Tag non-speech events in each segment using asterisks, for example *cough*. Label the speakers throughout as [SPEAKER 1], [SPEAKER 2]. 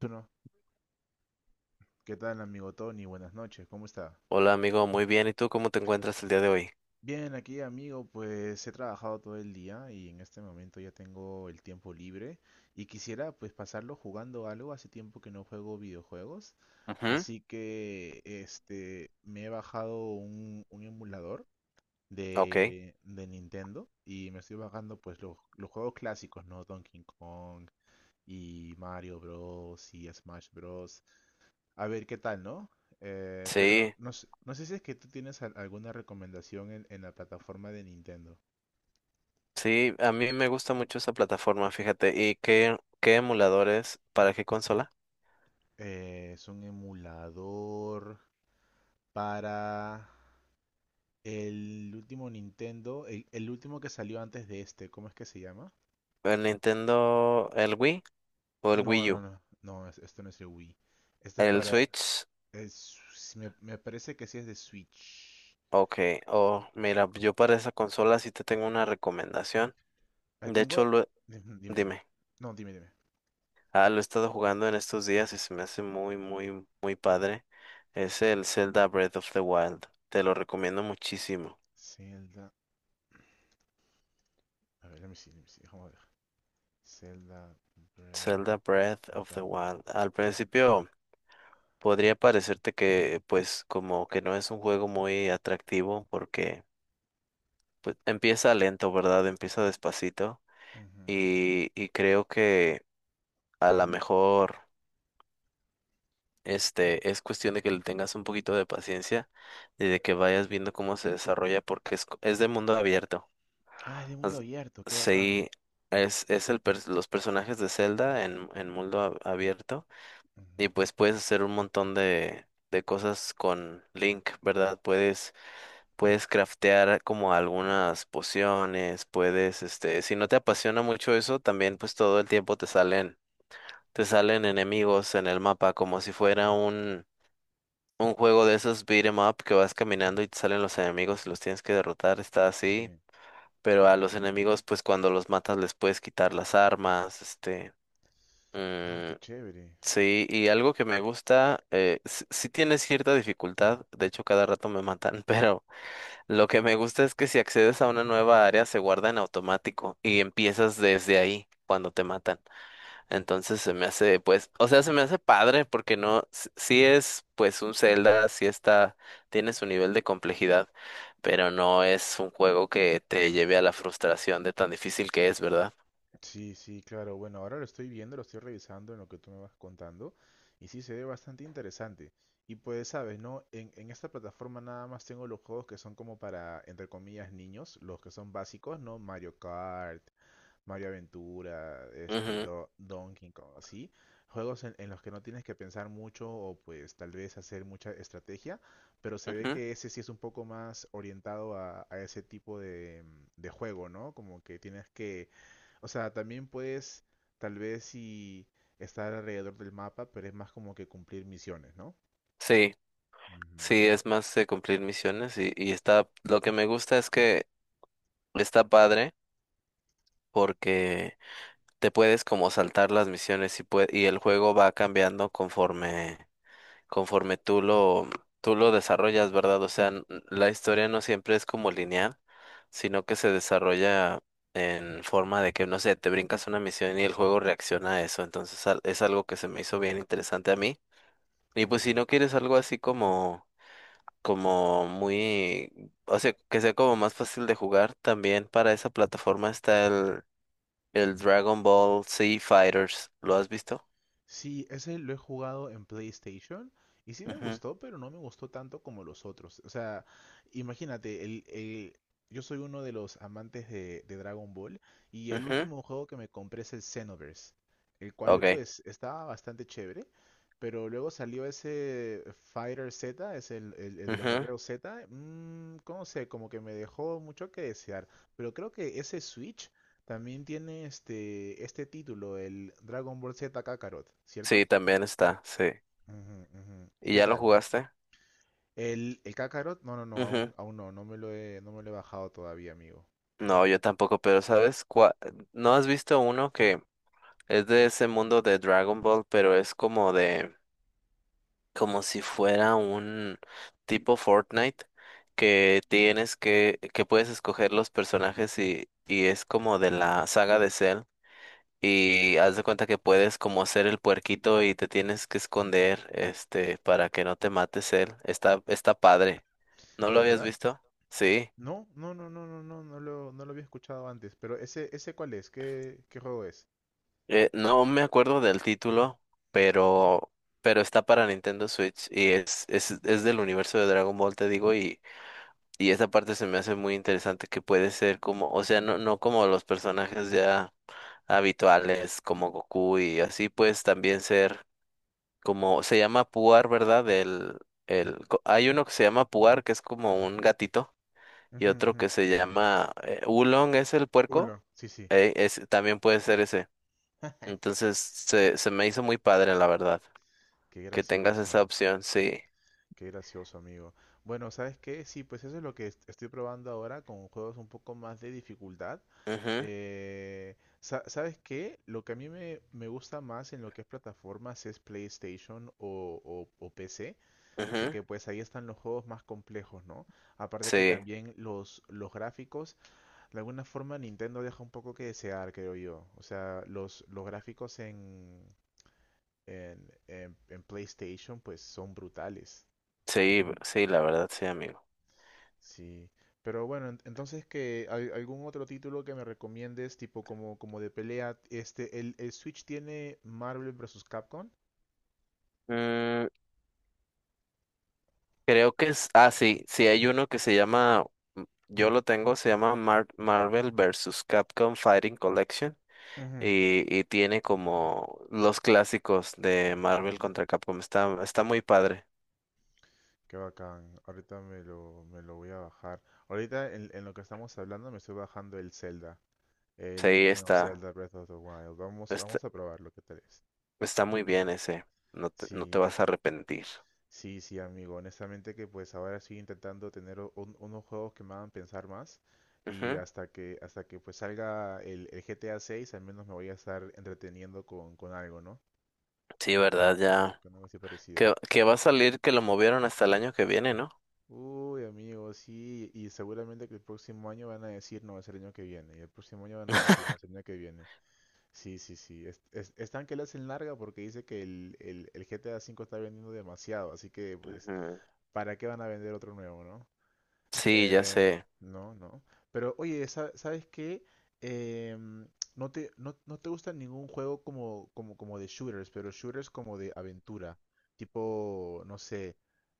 [SPEAKER 1] Bueno, ¿qué tal amigo Tony? Buenas noches, ¿cómo está?
[SPEAKER 2] Hola amigo, muy bien. ¿Y tú cómo te encuentras el día de hoy?
[SPEAKER 1] Bien, aquí amigo, pues he trabajado todo el día y en este momento ya tengo el tiempo libre y quisiera pues pasarlo jugando algo, hace tiempo que no juego videojuegos,
[SPEAKER 2] Ujú.
[SPEAKER 1] así que me he bajado un emulador
[SPEAKER 2] Ok,
[SPEAKER 1] de Nintendo y me estoy bajando pues los juegos clásicos, ¿no? Donkey Kong y Mario Bros. Y Smash Bros. A ver qué tal, ¿no? Pero
[SPEAKER 2] sí,
[SPEAKER 1] no, no sé si es que tú tienes alguna recomendación en la plataforma de Nintendo.
[SPEAKER 2] sí, a mí me gusta mucho esa plataforma, fíjate. ¿Y qué emuladores para qué consola?
[SPEAKER 1] Es un emulador para el último Nintendo, el último que salió antes de este, ¿cómo es que se llama?
[SPEAKER 2] ¿El Nintendo, el Wii o el
[SPEAKER 1] No,
[SPEAKER 2] Wii
[SPEAKER 1] no,
[SPEAKER 2] U?
[SPEAKER 1] no, no, esto no es el Wii. Este es
[SPEAKER 2] ¿El
[SPEAKER 1] para...
[SPEAKER 2] Switch?
[SPEAKER 1] Si me parece que sí es de Switch.
[SPEAKER 2] Ok, oh, mira, yo para esa consola sí te tengo una recomendación.
[SPEAKER 1] Ah,
[SPEAKER 2] De
[SPEAKER 1] tengo...
[SPEAKER 2] hecho,
[SPEAKER 1] Dime, dime.
[SPEAKER 2] dime,
[SPEAKER 1] No, dime, dime.
[SPEAKER 2] lo he estado jugando en estos días y se me hace muy, muy, muy padre. Es el Zelda Breath of the Wild. Te lo recomiendo muchísimo.
[SPEAKER 1] Zelda... A ver, let me see, déjame ver. Zelda
[SPEAKER 2] Zelda
[SPEAKER 1] Breath.
[SPEAKER 2] Breath of
[SPEAKER 1] Hasta
[SPEAKER 2] the
[SPEAKER 1] ahora.
[SPEAKER 2] Wild. Al principio podría parecerte que pues como que no es un juego muy atractivo porque pues empieza lento, ¿verdad? Empieza despacito
[SPEAKER 1] Ujú,
[SPEAKER 2] y creo que a lo mejor es cuestión de que le tengas un poquito de paciencia y
[SPEAKER 1] ujú.
[SPEAKER 2] de que vayas viendo cómo se desarrolla porque es de mundo abierto.
[SPEAKER 1] Ah, es de mundo
[SPEAKER 2] As-
[SPEAKER 1] abierto, qué bacán.
[SPEAKER 2] Sí, es el los personajes de Zelda en mundo abierto.
[SPEAKER 1] Ujú.
[SPEAKER 2] Y pues puedes hacer un montón de cosas con Link, ¿verdad? Puedes craftear como algunas pociones, puedes, si no te apasiona mucho eso, también pues todo el tiempo te salen enemigos en el mapa, como si fuera un juego de esos beat 'em up que vas caminando y te salen los enemigos y los tienes que derrotar, está así.
[SPEAKER 1] Sí.
[SPEAKER 2] Pero a los enemigos, pues cuando los matas les puedes quitar las armas, este.
[SPEAKER 1] Ah, qué
[SPEAKER 2] mm,
[SPEAKER 1] chévere.
[SPEAKER 2] Sí, y algo que me gusta, sí tiene cierta dificultad, de hecho cada rato me matan, *laughs* pero lo que me gusta es que si accedes a una nueva área se guarda en automático y empiezas desde ahí cuando te matan. Entonces se me hace, pues, o sea, se me hace padre porque no, s- sí es pues un Zelda, sí está, tiene su nivel de complejidad, pero no es un juego que te lleve a la frustración de tan difícil que es, ¿verdad?
[SPEAKER 1] Sí, sí, claro. Bueno, ahora lo estoy viendo, lo estoy revisando en lo que tú me vas contando. Y sí, se ve bastante interesante. Y pues, sabes, ¿no? En esta plataforma nada más tengo los juegos que son como para, entre comillas, niños. Los que son básicos, ¿no? Mario Kart, Mario Aventura,
[SPEAKER 2] Ujú,
[SPEAKER 1] Donkey Kong, así. Juegos en los que no tienes que pensar mucho o pues tal vez hacer mucha estrategia, pero se ve
[SPEAKER 2] ujú.
[SPEAKER 1] que ese sí es un poco más orientado a ese tipo de juego, ¿no? Como que tienes que, o sea, también puedes tal vez sí estar alrededor del mapa, pero es más como que cumplir misiones, ¿no?
[SPEAKER 2] Sí.
[SPEAKER 1] Ujú,
[SPEAKER 2] Sí, es más de cumplir misiones y está, lo que me gusta es que está padre porque te puedes como saltar las misiones y y el juego va cambiando conforme tú lo desarrollas, ¿verdad? O sea, la historia no siempre es como lineal, sino que se desarrolla en forma de que, no sé, te brincas una misión y el juego reacciona a eso. Entonces es algo que se me hizo bien interesante a mí. Y pues si
[SPEAKER 1] ujú.
[SPEAKER 2] no quieres algo así como muy, o sea, que sea como más fácil de jugar. También para esa plataforma está el Dragon Ball Z Fighters. ¿Lo has visto?
[SPEAKER 1] Sí, ese lo he jugado en PlayStation y sí me
[SPEAKER 2] Ujú,
[SPEAKER 1] gustó, pero no me gustó tanto como los otros. O sea, imagínate, yo soy uno de los amantes de Dragon Ball y el
[SPEAKER 2] ujú.
[SPEAKER 1] último juego que me compré es el Xenoverse, el cual
[SPEAKER 2] Ok.
[SPEAKER 1] pues estaba bastante chévere, pero luego salió ese Fighter Z, es el de los
[SPEAKER 2] Ujú.
[SPEAKER 1] guerreros Z, ¿cómo sé? Como que me dejó mucho que desear, pero creo que ese Switch también tiene este título, el Dragon Ball Z Kakarot, ¿cierto?
[SPEAKER 2] Sí, también está, sí.
[SPEAKER 1] Ujú, ujú. ¿Y
[SPEAKER 2] ¿Y
[SPEAKER 1] qué
[SPEAKER 2] ya lo
[SPEAKER 1] tal?
[SPEAKER 2] jugaste?
[SPEAKER 1] ¿El Kakarot? No, no, no,
[SPEAKER 2] Ujú.
[SPEAKER 1] aún no, no me lo he bajado todavía, amigo.
[SPEAKER 2] No, yo tampoco, pero ¿No has visto uno que es de ese mundo de Dragon Ball, pero es como de... como si fuera un tipo Fortnite que que puedes escoger los personajes y es como de la saga de Cell. Y haz de cuenta que puedes como ser el puerquito y te tienes que esconder, este, para que no te mate Cell. Está, está padre. ¿No
[SPEAKER 1] ¿De
[SPEAKER 2] lo habías
[SPEAKER 1] verdad?
[SPEAKER 2] visto? Sí.
[SPEAKER 1] No, no, no, no, no, no, no lo había escuchado antes, pero ese ¿cuál es? ¿Qué juego es?
[SPEAKER 2] No me acuerdo del título, pero, pero está para Nintendo Switch y es del universo de Dragon Ball, te digo, y esa parte se me hace muy interesante que puede ser como, o sea, no como los personajes ya habituales como Goku y así, pues también ser como, se llama Puar, ¿verdad? Hay uno que se llama Puar, que es como un gatito, y
[SPEAKER 1] Ujú,
[SPEAKER 2] otro
[SPEAKER 1] ujú.
[SPEAKER 2] que se llama Oolong, es el puerco,
[SPEAKER 1] Uno, sí, sí.
[SPEAKER 2] también puede ser ese.
[SPEAKER 1] *laughs*
[SPEAKER 2] Entonces se me hizo muy padre, la verdad,
[SPEAKER 1] Qué
[SPEAKER 2] que tengas esa
[SPEAKER 1] gracioso.
[SPEAKER 2] opción, sí.
[SPEAKER 1] Qué gracioso, amigo. Bueno, ¿sabes qué? Sí, pues eso es lo que estoy probando ahora con juegos un poco más de dificultad.
[SPEAKER 2] Ujú,
[SPEAKER 1] ¿Sabes qué? Lo que a mí me gusta más en lo que es plataformas es PlayStation o PC,
[SPEAKER 2] ujú.
[SPEAKER 1] porque pues ahí están los juegos más complejos, ¿no? Aparte que
[SPEAKER 2] Sí,
[SPEAKER 1] también los gráficos, de alguna forma Nintendo deja un poco que desear, creo yo. O sea, los gráficos en, en PlayStation pues son brutales.
[SPEAKER 2] sí, sí, la verdad, sí, amigo.
[SPEAKER 1] Sí, pero bueno, entonces que algún otro título que me recomiendes, tipo como de pelea, el Switch tiene Marvel versus Capcom.
[SPEAKER 2] Mm, Creo que sí, sí hay uno que se llama, yo lo tengo, se llama Marvel vs. Capcom Fighting Collection
[SPEAKER 1] Ujú,
[SPEAKER 2] y tiene como los clásicos de Marvel contra Capcom. Está, está muy padre.
[SPEAKER 1] qué bacán, ahorita me lo voy a bajar. Ahorita en lo que estamos hablando me estoy bajando el Zelda,
[SPEAKER 2] Sí,
[SPEAKER 1] el Legend of Zelda Breath of the Wild. Vamos,
[SPEAKER 2] está,
[SPEAKER 1] vamos a probarlo, ¿qué tal es?
[SPEAKER 2] está muy bien ese. No te
[SPEAKER 1] Sí,
[SPEAKER 2] vas a arrepentir.
[SPEAKER 1] sí, sí, amigo. Honestamente que pues ahora estoy intentando tener unos juegos que me hagan pensar más y
[SPEAKER 2] Ujú.
[SPEAKER 1] hasta que pues salga el GTA 6 al menos me voy a estar entreteniendo con algo, ¿no?
[SPEAKER 2] Sí,
[SPEAKER 1] Con,
[SPEAKER 2] verdad,
[SPEAKER 1] a- con-
[SPEAKER 2] ya.
[SPEAKER 1] con algo así parecido.
[SPEAKER 2] Que va a salir, que lo movieron hasta el año que viene, ¿no?
[SPEAKER 1] Uy, amigo, sí. Y seguramente que el próximo año van a decir no, es el año que viene. Y el próximo año van a decir no, es el año que viene. Sí, sí, sí. Están que le hacen larga porque dice que el GTA 5 está vendiendo demasiado. Así que pues,
[SPEAKER 2] Ujú.
[SPEAKER 1] ¿para qué van a vender otro nuevo, no?
[SPEAKER 2] Sí, ya
[SPEAKER 1] Eh,
[SPEAKER 2] sé.
[SPEAKER 1] no, no. Pero oye, ¿sabes qué? Em, no te gusta ningún juego como, como de shooters, pero shooters como de aventura. Tipo, no sé,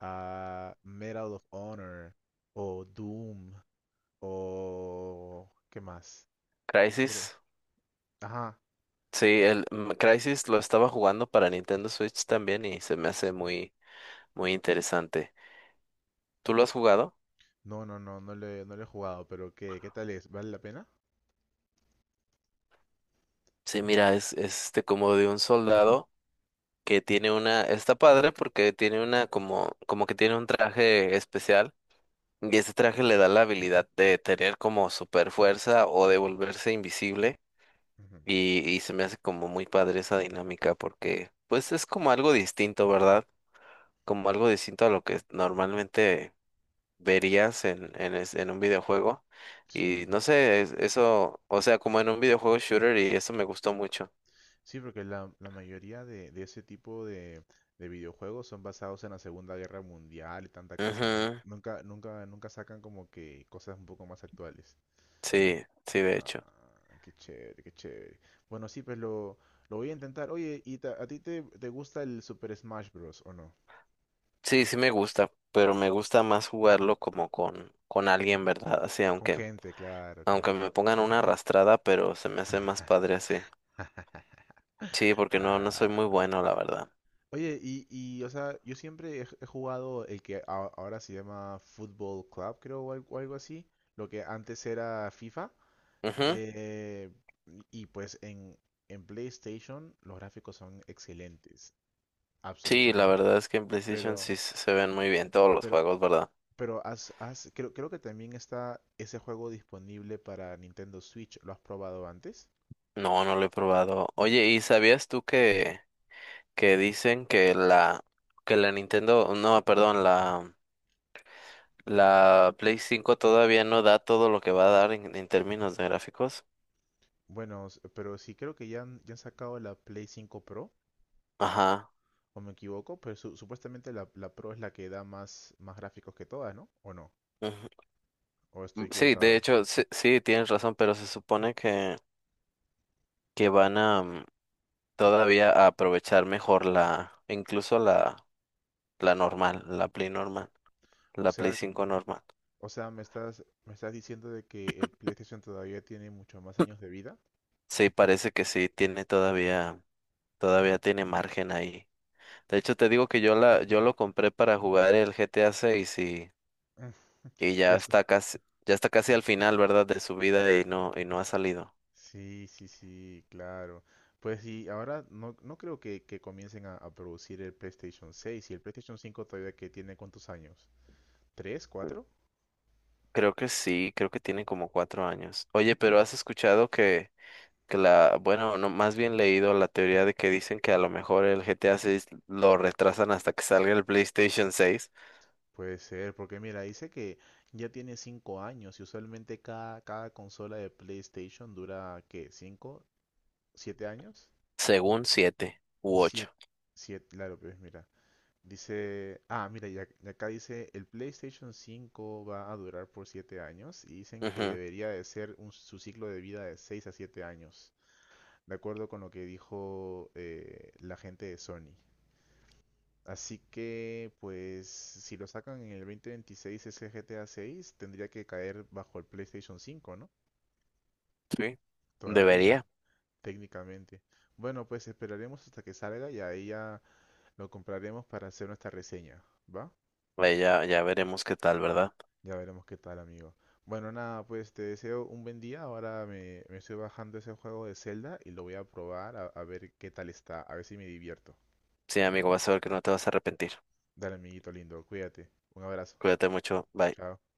[SPEAKER 1] ah, Medal of Honor o Doom o... ¿Qué más? Otro.
[SPEAKER 2] Crisis.
[SPEAKER 1] Ajá.
[SPEAKER 2] Sí, el Crysis lo estaba jugando para Nintendo Switch también y se me hace muy, muy interesante. ¿Tú lo has jugado?
[SPEAKER 1] No, no, no, no le he jugado, pero ¿qué tal es? ¿Vale la pena?
[SPEAKER 2] Sí, mira, es este como de un soldado que está padre porque tiene una como, como que tiene un traje especial y ese traje le da la habilidad de tener como super fuerza o de volverse invisible
[SPEAKER 1] Ujú.
[SPEAKER 2] y se me hace como muy padre esa dinámica porque pues es como algo distinto, ¿verdad? Como algo distinto a lo que normalmente verías en un videojuego. Y
[SPEAKER 1] Sí.
[SPEAKER 2] no sé, eso, o sea, como en un videojuego shooter y eso me gustó mucho.
[SPEAKER 1] Sí, porque la mayoría de ese tipo de videojuegos son basados en la Segunda Guerra Mundial y tanta cosa, ¿no?
[SPEAKER 2] Ujú.
[SPEAKER 1] Nunca, nunca, nunca sacan como que cosas un poco más actuales.
[SPEAKER 2] Sí, sí, de
[SPEAKER 1] Ah,
[SPEAKER 2] hecho.
[SPEAKER 1] qué chévere, qué chévere. Bueno, sí, pues lo voy a intentar. Oye, ¿y a ti te gusta el Super Smash Bros. O no?
[SPEAKER 2] Sí, sí me gusta, pero me gusta más jugarlo como con alguien, ¿verdad? Así,
[SPEAKER 1] Con gente, claro,
[SPEAKER 2] aunque
[SPEAKER 1] claro.
[SPEAKER 2] me pongan una arrastrada, pero se me hace más padre así. Sí, porque no soy muy
[SPEAKER 1] Ah,
[SPEAKER 2] bueno, la verdad.
[SPEAKER 1] oye, o sea, yo siempre he jugado el que ahora se llama Football Club, creo, o algo así, lo que antes era FIFA.
[SPEAKER 2] Ujú.
[SPEAKER 1] Eh, y pues en PlayStation los gráficos son excelentes,
[SPEAKER 2] Sí, la
[SPEAKER 1] absolutamente.
[SPEAKER 2] verdad es que en PlayStation sí
[SPEAKER 1] Pero,
[SPEAKER 2] se ven muy bien todos los
[SPEAKER 1] pero,
[SPEAKER 2] juegos, ¿verdad?
[SPEAKER 1] pero creo que también está ese juego disponible para Nintendo Switch. ¿Lo has probado antes?
[SPEAKER 2] No, no lo he probado. Oye, ¿y sabías tú que dicen que la Nintendo, no, perdón, la Play 5 todavía no da todo lo que va a dar en términos de gráficos.
[SPEAKER 1] Bueno, pero sí creo que ya han sacado la Play 5 Pro,
[SPEAKER 2] Ajá.
[SPEAKER 1] o me equivoco, pero supuestamente la Pro es la que da más gráficos que todas, ¿no? ¿O no?
[SPEAKER 2] Ujú.
[SPEAKER 1] ¿O estoy
[SPEAKER 2] Sí, de
[SPEAKER 1] equivocado?
[SPEAKER 2] hecho, sí, sí, tienes razón, pero se supone que van a todavía a aprovechar mejor la, incluso la normal,
[SPEAKER 1] O
[SPEAKER 2] la Play
[SPEAKER 1] sea,
[SPEAKER 2] 5 normal.
[SPEAKER 1] o sea, me estás diciendo de que el PlayStation todavía tiene muchos más años de vida.
[SPEAKER 2] Sí, parece que sí tiene todavía tiene margen ahí. De hecho, te digo que yo lo compré para jugar el GTA 6
[SPEAKER 1] Mm.
[SPEAKER 2] y
[SPEAKER 1] Ya está.
[SPEAKER 2] ya está casi al final, ¿verdad? De su vida y y no ha salido.
[SPEAKER 1] Sí, sí, sí, claro. Pues sí, ahora no creo que comiencen a producir el PlayStation 6 y el PlayStation 5 todavía que tiene cuántos años. ¿Tres,
[SPEAKER 2] Mm,
[SPEAKER 1] cuatro?
[SPEAKER 2] Creo que sí, creo que tiene como 4 años. Oye, pero has escuchado que la, bueno, no, más bien leído la teoría de que dicen que a lo mejor el G T A 6 lo retrasan hasta que salga el PlayStation seis
[SPEAKER 1] Puede ser, porque mira, dice que ya tiene 5 años y usualmente cada consola de PlayStation dura, ¿qué? ¿Cinco? ¿7 años?
[SPEAKER 2] según siete u
[SPEAKER 1] Siete.
[SPEAKER 2] ocho
[SPEAKER 1] Siete, claro, pues mira. Dice, ah, mira, y y acá dice, el PlayStation 5 va a durar por 7 años y dicen que debería de ser su ciclo de vida de 6 a 7 años, de acuerdo con lo que dijo la gente de Sony. Así que, pues, si lo sacan en el 2026 ese GTA 6, tendría que caer bajo el PlayStation 5, ¿no?
[SPEAKER 2] Sí.
[SPEAKER 1] Todavía,
[SPEAKER 2] Debería.
[SPEAKER 1] técnicamente. Bueno, pues esperaremos hasta que salga y ahí ya lo compraremos para hacer nuestra reseña, ¿va?
[SPEAKER 2] Vaya, ya veremos qué tal, ¿verdad?
[SPEAKER 1] Ya veremos qué tal, amigo. Bueno, nada, pues te deseo un buen día. Ahora me estoy bajando ese juego de Zelda y lo voy a probar a ver qué tal está, a ver si me divierto.
[SPEAKER 2] Sí, amigo, vas a ver que no te vas a arrepentir.
[SPEAKER 1] Dale, amiguito lindo, cuídate. Un abrazo.
[SPEAKER 2] Cuídate mucho. Bye.
[SPEAKER 1] Chao.